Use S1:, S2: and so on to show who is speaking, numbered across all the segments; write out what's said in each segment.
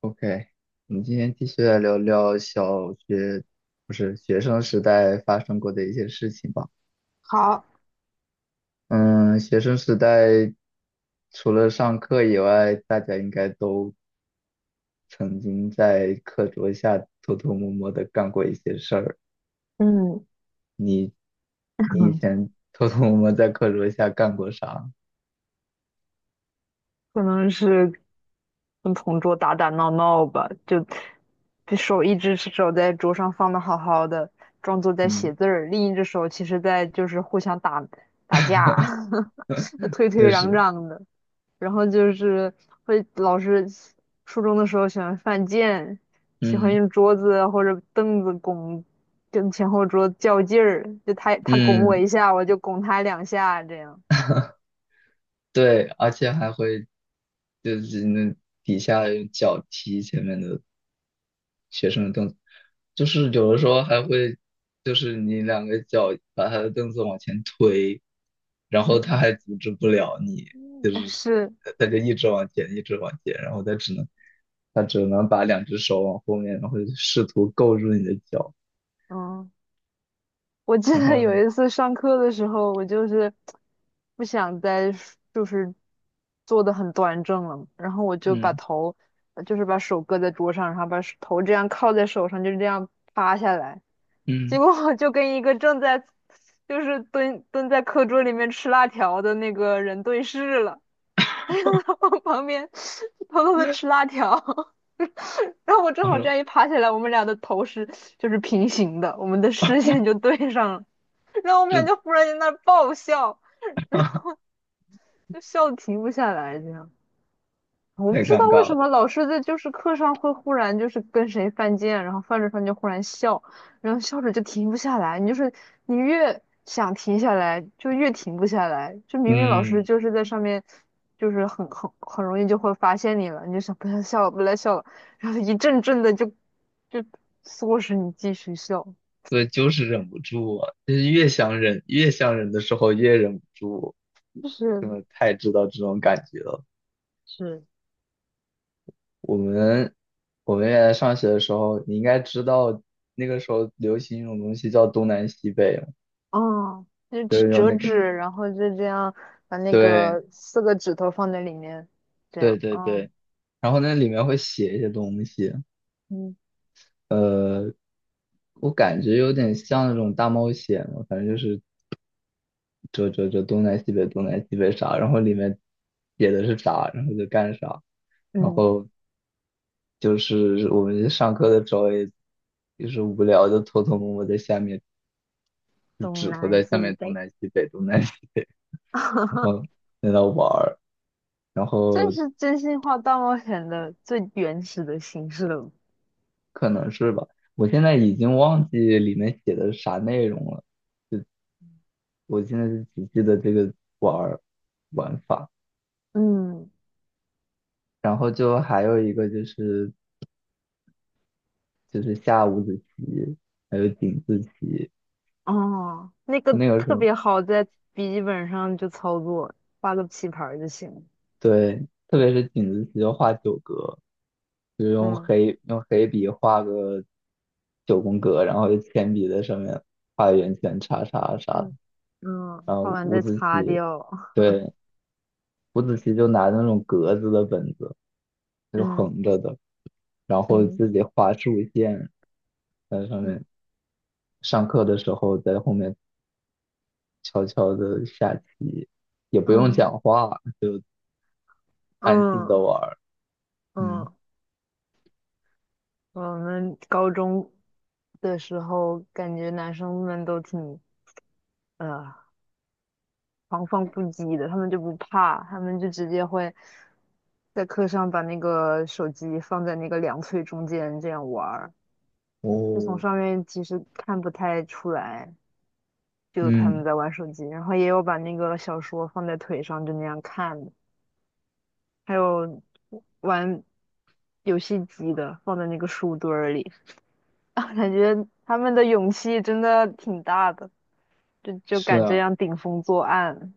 S1: OK，我们今天继续来聊聊小学，不是学生时代发生过的一些事情吧。
S2: 好，
S1: 嗯，学生时代除了上课以外，大家应该都曾经在课桌下偷偷摸摸的干过一些事儿。
S2: 嗯，
S1: 你，你以 前偷偷摸摸在课桌下干过啥？
S2: 可能是跟同桌打打闹闹吧，就手一只手在桌上放的好好的，装作在
S1: 嗯，
S2: 写字儿，另一只手其实在就是互相打架，推
S1: 确
S2: 推攘
S1: 实，
S2: 攘的，然后就是老师初中的时候喜欢犯贱，喜欢
S1: 嗯
S2: 用桌子或者凳子拱跟前后桌较劲儿，就他拱我
S1: 嗯。
S2: 一下，我就拱他两下这样。
S1: 对，而且还会就是那底下用脚踢前面的学生的凳子，就是有的时候还会就是你两个脚把他的凳子往前推，然后他
S2: 嗯。
S1: 还阻止不了你，就
S2: 嗯
S1: 是
S2: 是，
S1: 他就一直往前，一直往前，然后他只能把两只手往后面，然后试图够住你的脚，
S2: 嗯，我记
S1: 然
S2: 得
S1: 后
S2: 有一次上课的时候，我就是不想再就是坐得很端正了，然后我就把
S1: 嗯
S2: 头，就是把手搁在桌上，然后把手头这样靠在手上，就这样趴下来，结
S1: 嗯，
S2: 果我就跟一个正在就是蹲在课桌里面吃辣条的那个人对视了。往旁边偷偷的吃辣条，然后我正
S1: 他
S2: 好这
S1: 说
S2: 样一爬起来，我们俩的头是就是平行的，我们的视线就对上了，然后我们俩
S1: 这
S2: 就忽然间那儿爆笑，就笑得停不下来，这样。我
S1: 太
S2: 不知
S1: 尴
S2: 道为
S1: 尬
S2: 什
S1: 了，
S2: 么老师在就是课上会忽然就是跟谁犯贱，然后犯着犯着忽然笑，然后笑着就停不下来。你就是你越想停下来，就越停不下来。就明明老师
S1: 嗯。
S2: 就是在上面，就是很容易就会发现你了，你就想不要笑了，不要笑了，然后一阵阵的就唆使你继续笑，
S1: 对，就是忍不住啊，就是越想忍，越想忍的时候越忍不住，
S2: 就
S1: 真
S2: 是
S1: 的太知道这种感觉了。
S2: 是，
S1: 我们我们原来上学的时候，你应该知道那个时候流行一种东西叫东南西北嘛
S2: 啊，就
S1: 就
S2: 去
S1: 是用
S2: 折
S1: 那个，
S2: 纸，嗯然后就这样把那
S1: 对
S2: 个四个指头放在里面，这
S1: 对
S2: 样，
S1: 对
S2: 啊
S1: 对，然后那里面会写一些东西，
S2: 嗯，嗯
S1: 呃，我感觉有点像那种大冒险嘛，反正就是这东南西北东南西北啥，然后里面写的是啥，然后就干啥。然
S2: 嗯，
S1: 后就是我们上课的时候也，就是无聊就偷偷摸摸在下面，就
S2: 东
S1: 指头
S2: 南
S1: 在下
S2: 西
S1: 面东
S2: 北，
S1: 南西北东南西，然 后在那玩儿，然
S2: 这
S1: 后
S2: 是真心话大冒险的最原始的形式了。
S1: 可能是吧，我现在已经忘记里面写的啥内容了，我现在就只记得这个玩儿玩法，
S2: 嗯，
S1: 然后就还有一个就是下五子棋，还有井字棋，
S2: 哦，那个
S1: 那个时
S2: 特
S1: 候。
S2: 别好，在笔记本上就操作，画个棋盘儿就行了
S1: 对，特别是井字棋就画九格，就是
S2: 嗯
S1: 用黑笔画个九宫格，然后用铅笔在上面画圆圈、叉叉啥的。
S2: 嗯嗯，
S1: 然后
S2: 画完
S1: 五
S2: 再
S1: 子
S2: 擦
S1: 棋，
S2: 掉。
S1: 对，五子棋就拿那种格子的本子，就
S2: 嗯
S1: 横着的，然后
S2: 嗯
S1: 自己画竖线在上
S2: 嗯
S1: 面。上课的时候在后面悄悄的下棋，也不用
S2: 嗯
S1: 讲话，就安静的
S2: 嗯
S1: 玩儿。嗯
S2: 嗯，我们高中的时候，感觉男生们都挺呃狂放不羁的，他们就不怕，他们就直接会在课上把那个手机放在那个两腿中间这样玩儿，就从
S1: 哦，
S2: 上面其实看不太出来，就他们
S1: 嗯，
S2: 在玩手机，然后也有把那个小说放在腿上就那样看的还有玩游戏机的放在那个书堆儿里，啊感觉他们的勇气真的挺大的，就
S1: 是
S2: 敢这
S1: 啊。
S2: 样顶风作案，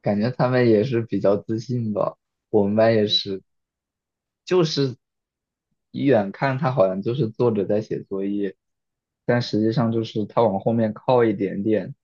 S1: 感觉他们也是比较自信吧。我们班也
S2: 对，
S1: 是，就是一眼看他好像就是坐着在写作业，但实际上就是他往后面靠一点点，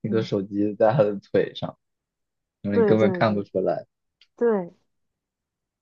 S1: 那个
S2: 嗯，
S1: 手机在他的腿上，然后你
S2: 对
S1: 根本
S2: 对
S1: 看不
S2: 对
S1: 出来。
S2: 对，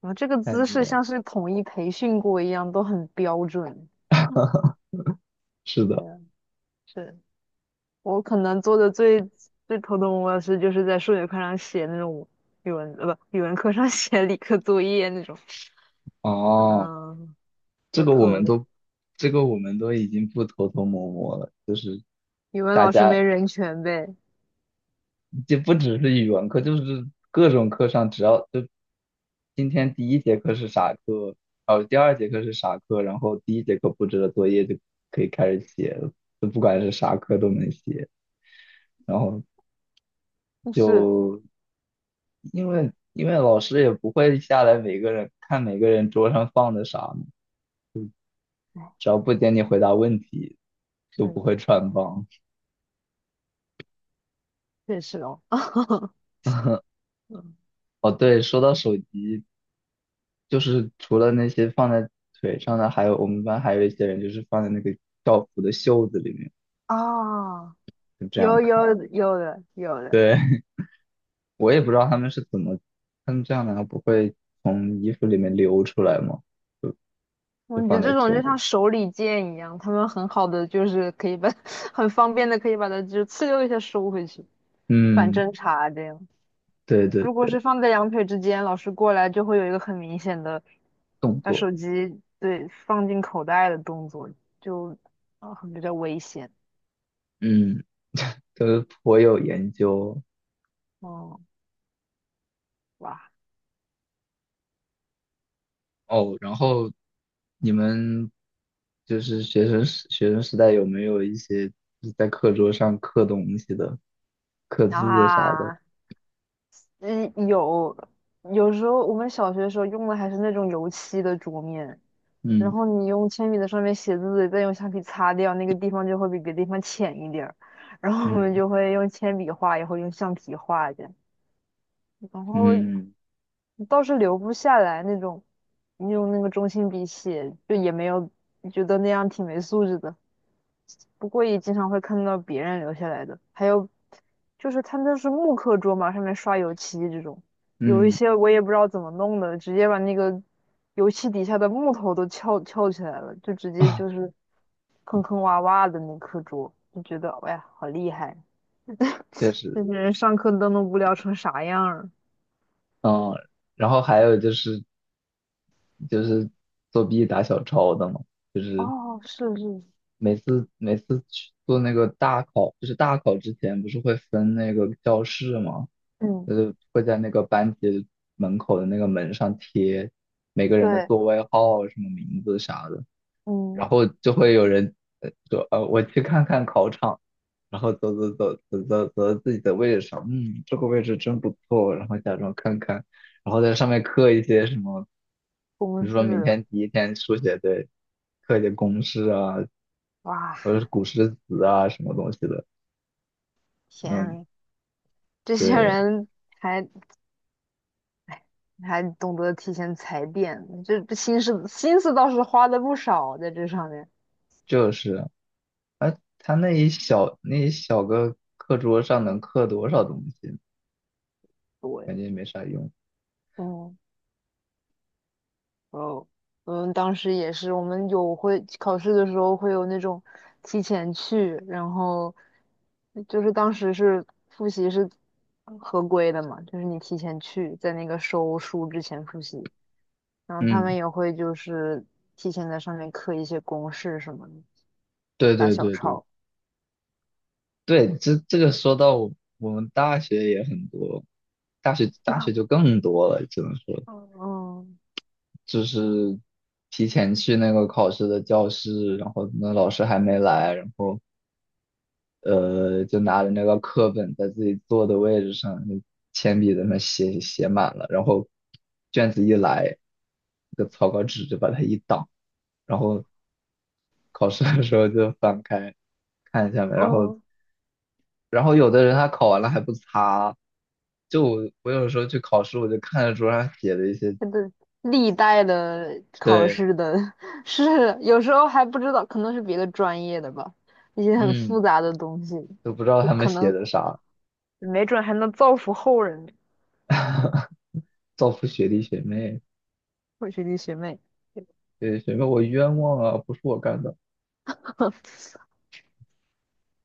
S2: 然后这个
S1: 太
S2: 姿
S1: 牛
S2: 势
S1: 了，
S2: 像是统一培训过一样，都很标准。
S1: 是
S2: 对
S1: 的，
S2: 啊，是我可能做的最头疼我的事，就是在数学课上写那种语文，不，语文课上 写理科作业那种，
S1: 哦，
S2: 嗯，
S1: 这
S2: 偷
S1: 个我
S2: 偷
S1: 们
S2: 的。
S1: 都，这个我们都已经不偷偷摸摸了，就是。
S2: 语文
S1: 大
S2: 老师
S1: 家。
S2: 没人权呗？
S1: 就不只是语文课，就是各种课上，只要就今天第一节课是啥课，哦，第二节课是啥课，然后第一节课布置的作业就可以开始写了，就不管是啥课都能写。然后
S2: 但是，
S1: 就因为老师也不会下来每个人看每个人桌上放的啥嘛
S2: 哎，
S1: 只要不点你回答问题，就不会
S2: 是
S1: 穿帮。
S2: 确实哦，嗯
S1: 哦，对，说到手机，就是除了那些放在腿上的，还有我们班还有一些人就是放在那个校服的袖子里面，
S2: 啊，
S1: 就这样
S2: 有
S1: 看。
S2: 有有的有的。
S1: 对，我也不知道他们是怎么，他们这样难道不会从衣服里面流出来吗？就
S2: 我
S1: 就
S2: 觉得
S1: 放
S2: 这
S1: 在
S2: 种就
S1: 袖子
S2: 像
S1: 里。
S2: 手里剑一样，他们很好的就是可以把，很方便的可以把它就呲溜一下收回去，反
S1: 嗯，
S2: 侦查这样。
S1: 对对
S2: 如果是
S1: 对，
S2: 放在两腿之间，老师过来就会有一个很明显的
S1: 动
S2: 把
S1: 作，
S2: 手机对放进口袋的动作，就啊、很比较危险。
S1: 嗯，都颇有研究
S2: 哦，哇
S1: 哦。然后你们就是学生时代有没有一些就是在课桌上刻东西的、刻字的啥的？
S2: 啊！嗯，有有时候我们小学的时候用的还是那种油漆的桌面，然
S1: 嗯。
S2: 后你用铅笔在上面写字，再用橡皮擦掉，那个地方就会比别的地方浅一点儿。然后我们
S1: 嗯
S2: 就会用铅笔画，也会用橡皮画的，然后
S1: 嗯
S2: 倒是留不下来那种，你用那个中性笔写，就也没有觉得那样挺没素质的。不过也经常会看到别人留下来的，还有就是他们是木课桌嘛，上面刷油漆这种，有一
S1: 嗯
S2: 些我也不知道怎么弄的，直接把那个油漆底下的木头都翘翘起来了，就直接
S1: 啊，
S2: 就是坑坑洼洼的那课桌，就觉得哎呀好厉害，
S1: 确
S2: 这
S1: 实，
S2: 些人上课都能无聊成啥样儿？
S1: 啊，然后还有就是就是作弊打小抄的嘛，就是
S2: 哦，是是，
S1: 每次去做那个大考，就是大考之前不是会分那个教室嘛，
S2: 嗯，
S1: 就是会在那个班级门口的那个门上贴每个人的
S2: 对，
S1: 座位号、什么名字啥的。然
S2: 嗯，
S1: 后就会有人呃说，呃，我去看看考场，然后走走走走走走到自己的位置上，嗯，这个位置真不错，然后假装看看，然后在上面刻一些什么，比
S2: 公
S1: 如说明
S2: 式，
S1: 天第一天数学对，刻一些公式啊，
S2: 哇，
S1: 或者是古诗词啊什么东西的，嗯，
S2: 天，这些
S1: 对，
S2: 人还哎，还懂得提前踩点，这心思倒是花的不少在这上面。
S1: 就是，哎，他那一小那一小个课桌上能刻多少东西，
S2: 对，
S1: 感觉也没啥用，
S2: 嗯，哦，们当时也是，我们有会考试的时候会有那种提前去，然后就是当时是复习是合规的嘛，就是你提前去，在那个收书之前复习，然后他们
S1: 嗯，
S2: 也会就是提前在上面刻一些公式什么的，
S1: 对
S2: 打
S1: 对
S2: 小
S1: 对对
S2: 抄。
S1: 对，这这个说到我们大学也很多，大学就更多了，只能说
S2: 嗯嗯。
S1: 就是提前去那个考试的教室，然后那老师还没来，然后就拿着那个课本在自己坐的位置上，就铅笔在那写满了，然后卷子一来，那个草稿纸就把它一挡，然后考试的时候就翻开看一下嘛，
S2: 嗯
S1: 然后有的人他考完了还不擦，就我有时候去考试，我就看着桌上写的一些，
S2: 真的历代的考
S1: 对，
S2: 试的 是有时候还不知道，可能是别的专业的吧，一些很
S1: 嗯，
S2: 复杂的东西，
S1: 都不知道
S2: 就
S1: 他们
S2: 可
S1: 写
S2: 能
S1: 的啥，
S2: 没准还能造福后人呢。
S1: 造福学弟学妹，
S2: 我学弟学妹，
S1: 对，学妹我冤枉啊，不是我干的。